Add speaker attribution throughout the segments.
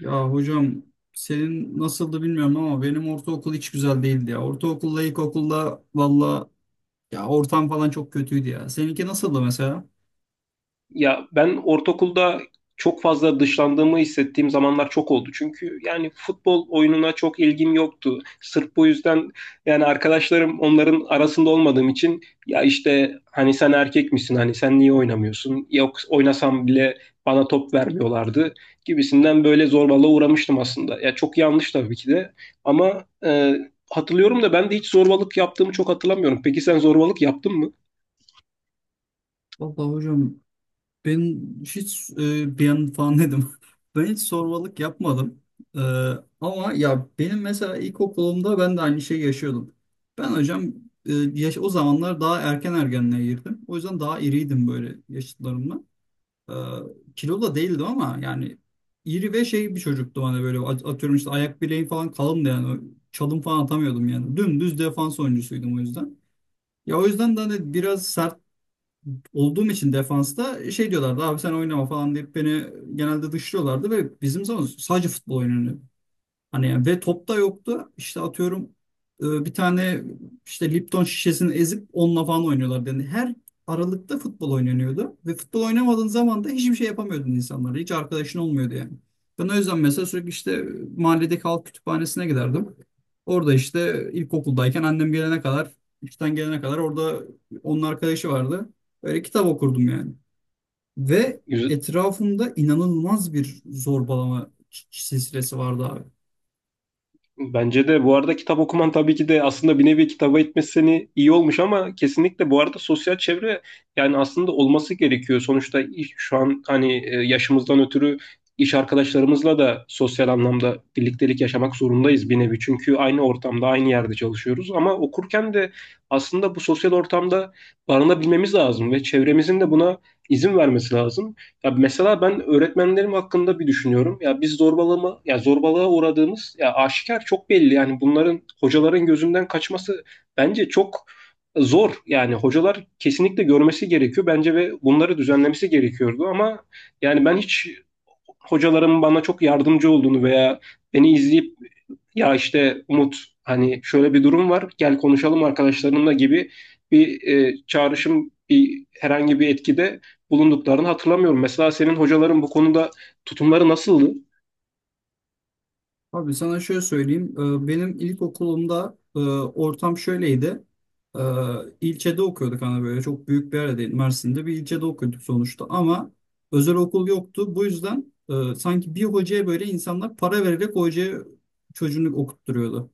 Speaker 1: Ya hocam senin nasıldı bilmiyorum ama benim ortaokul hiç güzel değildi ya. Ortaokulla ilkokulla valla ya ortam falan çok kötüydü ya. Seninki nasıldı mesela?
Speaker 2: Ya ben ortaokulda çok fazla dışlandığımı hissettiğim zamanlar çok oldu. Çünkü yani futbol oyununa çok ilgim yoktu. Sırf bu yüzden yani arkadaşlarım onların arasında olmadığım için ya işte hani sen erkek misin, hani sen niye oynamıyorsun? Yok, oynasam bile bana top vermiyorlardı gibisinden böyle zorbalığa uğramıştım aslında. Ya çok yanlış tabii ki de ama hatırlıyorum da ben de hiç zorbalık yaptığımı çok hatırlamıyorum. Peki sen zorbalık yaptın mı?
Speaker 1: Valla hocam ben hiç bir an falan dedim. Ben hiç sormalık yapmadım. E, ama ya benim mesela ilkokulumda ben de aynı şeyi yaşıyordum. Ben hocam yaş o zamanlar daha erken ergenliğe girdim. O yüzden daha iriydim böyle yaşıtlarımla. Ee, Kilolu da değildim ama yani iri ve şey bir çocuktu hani böyle atıyorum işte ayak bileğim falan kalındı yani çalım falan atamıyordum yani dümdüz defans oyuncusuydum o yüzden. Ya o yüzden de hani biraz sert olduğum için defansta şey diyorlardı abi sen oynama falan deyip beni genelde dışlıyorlardı ve bizim zaman sadece futbol oynanıyor. Hani ve top da yoktu. İşte atıyorum bir tane işte Lipton şişesini ezip onunla falan oynuyorlar dedi. Her aralıkta futbol oynanıyordu ve futbol oynamadığın zaman da hiçbir şey yapamıyordun insanlara. Hiç arkadaşın olmuyordu yani. Ben o yüzden mesela sürekli işte mahalledeki halk kütüphanesine giderdim. Orada işte ilkokuldayken annem gelene kadar, işten gelene kadar orada onun arkadaşı vardı. Böyle kitap okurdum yani. Ve etrafımda inanılmaz bir zorbalama silsilesi vardı abi.
Speaker 2: Bence de bu arada kitap okuman tabii ki de aslında bir nevi kitaba itmesi seni iyi olmuş ama kesinlikle bu arada sosyal çevre yani aslında olması gerekiyor. Sonuçta şu an hani yaşımızdan ötürü iş arkadaşlarımızla da sosyal anlamda birliktelik yaşamak zorundayız bir nevi. Çünkü aynı ortamda aynı yerde çalışıyoruz ama okurken de aslında bu sosyal ortamda barınabilmemiz lazım ve çevremizin de buna izin vermesi lazım. Ya mesela ben öğretmenlerim hakkında bir düşünüyorum. Ya biz ya zorbalığa uğradığımız ya aşikar, çok belli. Yani bunların hocaların gözünden kaçması bence çok zor. Yani hocalar kesinlikle görmesi gerekiyor bence ve bunları düzenlemesi gerekiyordu ama yani ben hiç hocalarım bana çok yardımcı olduğunu veya beni izleyip ya işte Umut, hani şöyle bir durum var, gel konuşalım arkadaşlarımla gibi bir çağrışım, bir herhangi bir etkide bulunduklarını hatırlamıyorum. Mesela senin hocaların bu konuda tutumları nasıldı?
Speaker 1: Abi sana şöyle söyleyeyim. Benim ilkokulumda ortam şöyleydi. Ee, İlçede okuyorduk hani böyle çok büyük bir yer değil. Mersin'de bir ilçede okuyorduk sonuçta ama özel okul yoktu. Bu yüzden sanki bir hocaya böyle insanlar para vererek o hocaya çocuğunu okutturuyordu.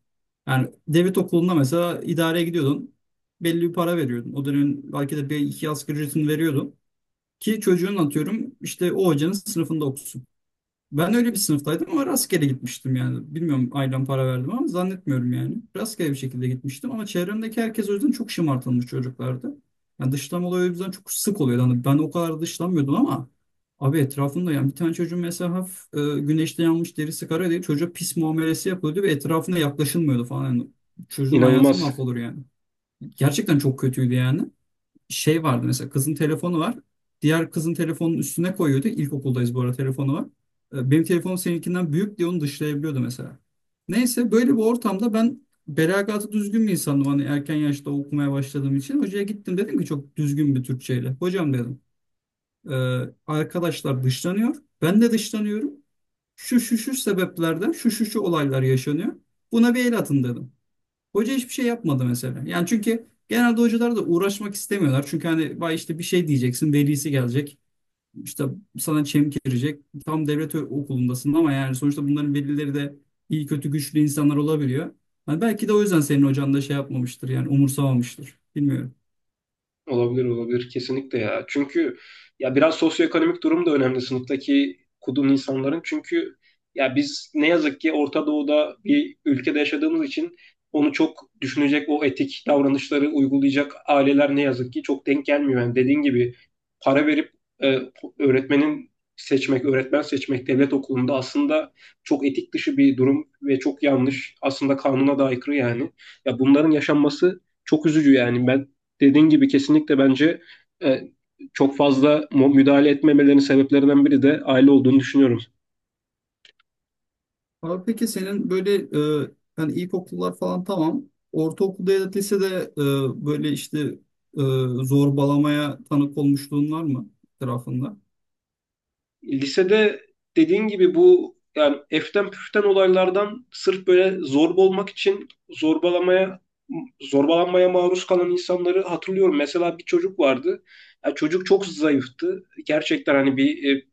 Speaker 1: Yani devlet okulunda mesela idareye gidiyordun. Belli bir para veriyordun. O dönemin belki de bir iki asgari ücretini veriyordun. Ki çocuğun atıyorum işte o hocanın sınıfında okusun. Ben öyle bir sınıftaydım ama rastgele gitmiştim yani. Bilmiyorum ailem para verdi mi ama zannetmiyorum yani. Rastgele bir şekilde gitmiştim ama çevremdeki herkes o yüzden çok şımartılmış çocuklardı. Yani dışlama olayı o yüzden çok sık oluyordu. Hani ben o kadar dışlanmıyordum ama abi etrafında yani bir tane çocuğun mesela hafif güneşte yanmış derisi kara değil. Çocuğa pis muamelesi yapılıyordu ve etrafına yaklaşılmıyordu falan. Yani çocuğun hayatı
Speaker 2: İnanılmaz.
Speaker 1: mahvolur yani. Gerçekten çok kötüydü yani şey vardı mesela kızın telefonu var. Diğer kızın telefonun üstüne koyuyordu. İlkokuldayız bu arada telefonu var. Benim telefonum seninkinden büyük diye onu dışlayabiliyordu mesela. Neyse böyle bir ortamda ben belagatı düzgün bir insandım. Hani erken yaşta okumaya başladığım için. Hocaya gittim dedim ki çok düzgün bir Türkçeyle. Hocam dedim e, arkadaşlar dışlanıyor. Ben de dışlanıyorum. Şu şu şu sebeplerden şu şu şu olaylar yaşanıyor. Buna bir el atın dedim. Hoca hiçbir şey yapmadı mesela. Yani çünkü genelde hocalar da uğraşmak istemiyorlar. Çünkü hani vay işte bir şey diyeceksin, velisi gelecek. İşte sana çemkirecek. Tam devlet okulundasın ama yani sonuçta bunların velileri de iyi kötü güçlü insanlar olabiliyor. Hani belki de o yüzden senin hocan da şey yapmamıştır yani umursamamıştır. Bilmiyorum.
Speaker 2: Olabilir, olabilir kesinlikle ya. Çünkü ya biraz sosyoekonomik durum da önemli sınıftaki kudum insanların. Çünkü ya biz ne yazık ki Orta Doğu'da bir ülkede yaşadığımız için onu çok düşünecek, o etik davranışları uygulayacak aileler ne yazık ki çok denk gelmiyor. Yani dediğin gibi para verip e, öğretmenin öğretmen seçmek devlet okulunda aslında çok etik dışı bir durum ve çok yanlış. Aslında kanuna da aykırı yani. Ya bunların yaşanması çok üzücü yani. Ben dediğin gibi kesinlikle bence e, çok fazla müdahale etmemelerinin sebeplerinden biri de aile olduğunu düşünüyorum.
Speaker 1: Abi peki senin böyle hani ilkokullar falan tamam. Ortaokulda ya da lisede böyle işte e, zorbalamaya tanık olmuşluğun var mı etrafında?
Speaker 2: Lisede dediğin gibi bu yani eften püften olaylardan sırf böyle zorba olmak için zorbalanmaya maruz kalan insanları hatırlıyorum. Mesela bir çocuk vardı. Ya çocuk çok zayıftı. Gerçekten hani bir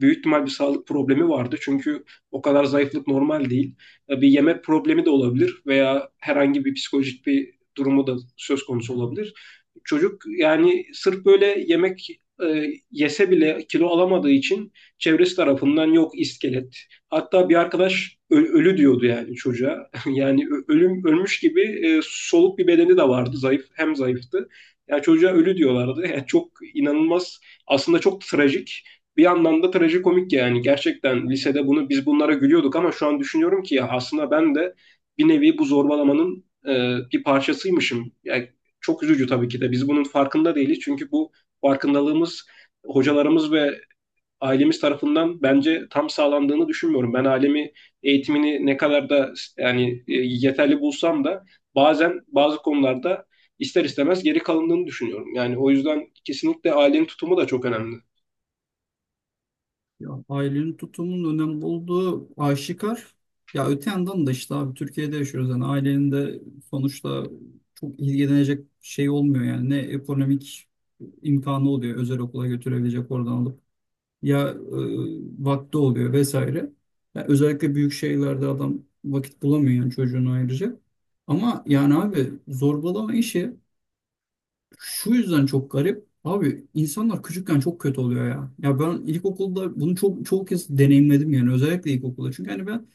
Speaker 2: büyük ihtimal bir sağlık problemi vardı. Çünkü o kadar zayıflık normal değil. E, Bir yemek problemi de olabilir veya herhangi bir psikolojik bir durumu da söz konusu olabilir. Çocuk yani sırf böyle yemek yese bile kilo alamadığı için çevresi tarafından yok iskelet. Hatta bir arkadaş ölü diyordu yani çocuğa. Yani ölüm ölmüş gibi soluk bir bedeni de vardı. Zayıf, hem zayıftı. Ya çocuğa ölü diyorlardı. Yani çok inanılmaz. Aslında çok trajik, bir yandan da trajikomik yani gerçekten lisede bunu bunlara gülüyorduk ama şu an düşünüyorum ki ya aslında ben de bir nevi bu zorbalamanın bir parçasıymışım. Yani çok üzücü tabii ki de biz bunun farkında değiliz çünkü bu farkındalığımız hocalarımız ve ailemiz tarafından bence tam sağlandığını düşünmüyorum. Ben ailemi eğitimini ne kadar da yani yeterli bulsam da bazen bazı konularda ister istemez geri kalındığını düşünüyorum. Yani o yüzden kesinlikle ailenin tutumu da çok önemli.
Speaker 1: Ya ailenin tutumunun önemli olduğu aşikar. Ya öte yandan da işte abi Türkiye'de yaşıyoruz. Yani ailenin de sonuçta çok ilgilenecek şey olmuyor yani. Ne ekonomik imkanı oluyor özel okula götürebilecek oradan alıp. Ya vakti oluyor vesaire. Ya özellikle büyük şehirlerde adam vakit bulamıyor yani çocuğunu ayıracak. Ama yani abi zorbalama işi şu yüzden çok garip. Abi insanlar küçükken çok kötü oluyor ya. Ya ben ilkokulda bunu çok çok kez deneyimledim yani özellikle ilkokulda. Çünkü hani ben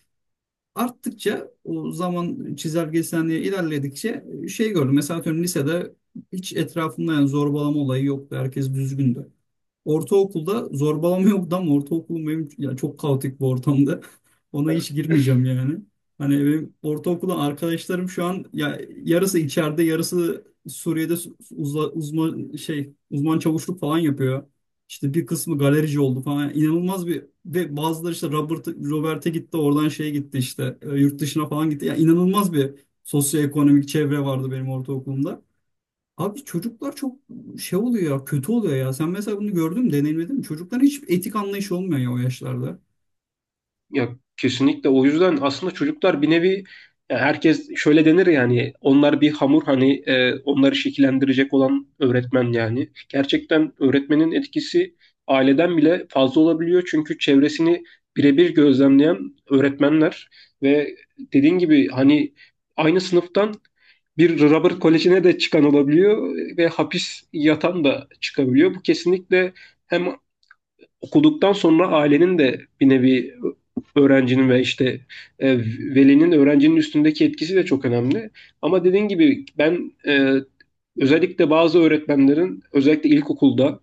Speaker 1: arttıkça o zaman çizelgesinde ilerledikçe şey gördüm. Mesela atıyorum lisede hiç etrafımda yani zorbalama olayı yoktu. Herkes düzgündü. Ortaokulda zorbalama yoktu ama ortaokulum benim ya çok kaotik bir ortamda. Ona hiç girmeyeceğim yani. Hani benim ortaokulda arkadaşlarım şu an ya yarısı içeride, yarısı Suriye'de uzman şey uzman çavuşluk falan yapıyor. İşte bir kısmı galerici oldu falan. Yani inanılmaz bir ve bazıları işte Robert'e gitti, oradan şeye gitti işte yurt dışına falan gitti. Ya inanılmaz bir sosyoekonomik çevre vardı benim ortaokulumda. Abi çocuklar çok şey oluyor ya kötü oluyor ya. Sen mesela bunu gördün mü deneyimledin mi? Çocukların hiç etik anlayışı olmuyor ya o yaşlarda.
Speaker 2: Ya kesinlikle o yüzden aslında çocuklar bir nevi ya herkes şöyle denir yani, onlar bir hamur hani, onları şekillendirecek olan öğretmen yani. Gerçekten öğretmenin etkisi aileden bile fazla olabiliyor çünkü çevresini birebir gözlemleyen öğretmenler ve dediğin gibi hani aynı sınıftan bir Robert Koleji'ne de çıkan olabiliyor ve hapis yatan da çıkabiliyor. Bu kesinlikle hem okuduktan sonra ailenin de bir nevi öğrencinin ve işte e, velinin öğrencinin üstündeki etkisi de çok önemli. Ama dediğin gibi ben özellikle bazı öğretmenlerin özellikle ilkokulda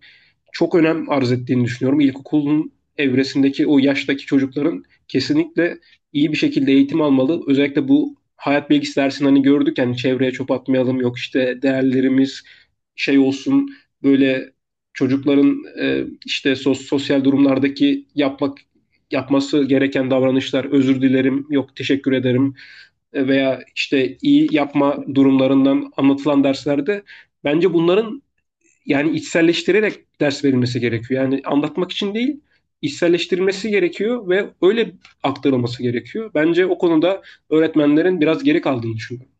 Speaker 2: çok önem arz ettiğini düşünüyorum. İlkokulun evresindeki o yaştaki çocukların kesinlikle iyi bir şekilde eğitim almalı. Özellikle bu hayat bilgisi dersini hani gördük yani, çevreye çöp atmayalım, yok işte değerlerimiz şey olsun, böyle çocukların işte sosyal durumlardaki yapması gereken davranışlar, özür dilerim, yok teşekkür ederim, veya işte iyi yapma durumlarından anlatılan derslerde bence bunların yani içselleştirerek ders verilmesi gerekiyor. Yani anlatmak için değil, içselleştirilmesi gerekiyor ve öyle aktarılması gerekiyor. Bence o konuda öğretmenlerin biraz geri kaldığını düşünüyorum.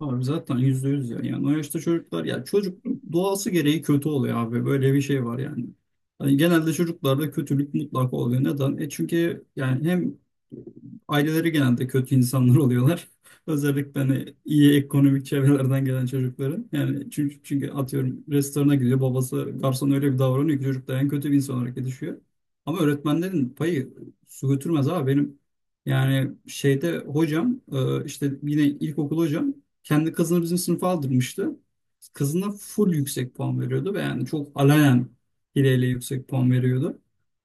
Speaker 1: Abi zaten yüzde yüz ya. Yani o yaşta çocuklar ya çocuk doğası gereği kötü oluyor abi. Böyle bir şey var yani. Hani genelde çocuklarda kötülük mutlaka oluyor. Neden? E çünkü yani hem aileleri genelde kötü insanlar oluyorlar. Özellikle hani iyi ekonomik çevrelerden gelen çocukların. Yani çünkü atıyorum restorana gidiyor babası garson öyle bir davranıyor ki çocuk da en kötü bir insan olarak yetişiyor. Ama öğretmenlerin payı su götürmez abi benim. Yani şeyde hocam işte yine ilkokul hocam kendi kızını bizim sınıfa aldırmıştı. Kızına full yüksek puan veriyordu ve yani çok alayan hileyle yüksek puan veriyordu.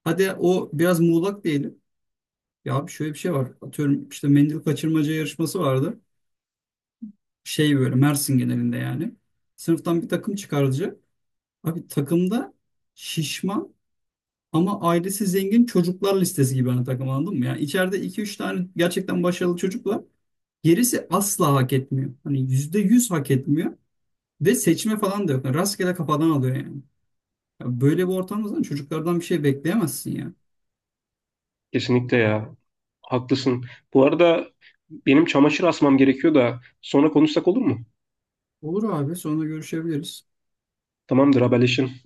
Speaker 1: Hadi o biraz muğlak diyelim. Ya abi şöyle bir şey var. Atıyorum işte mendil kaçırmaca yarışması vardı. Şey böyle Mersin genelinde yani. Sınıftan bir takım çıkarılacak. Abi takımda şişman ama ailesi zengin çocuklar listesi gibi hani takım anladın mı? Yani içeride iki üç tane gerçekten başarılı çocuk var. Gerisi asla hak etmiyor. Hani %100 hak etmiyor. Ve seçme falan da yok. Yani rastgele kafadan alıyor yani. Ya böyle bir ortamda zaten çocuklardan bir şey bekleyemezsin ya.
Speaker 2: Kesinlikle ya. Haklısın. Bu arada benim çamaşır asmam gerekiyor da sonra konuşsak olur mu?
Speaker 1: Olur abi sonra görüşebiliriz.
Speaker 2: Tamamdır, haberleşiriz.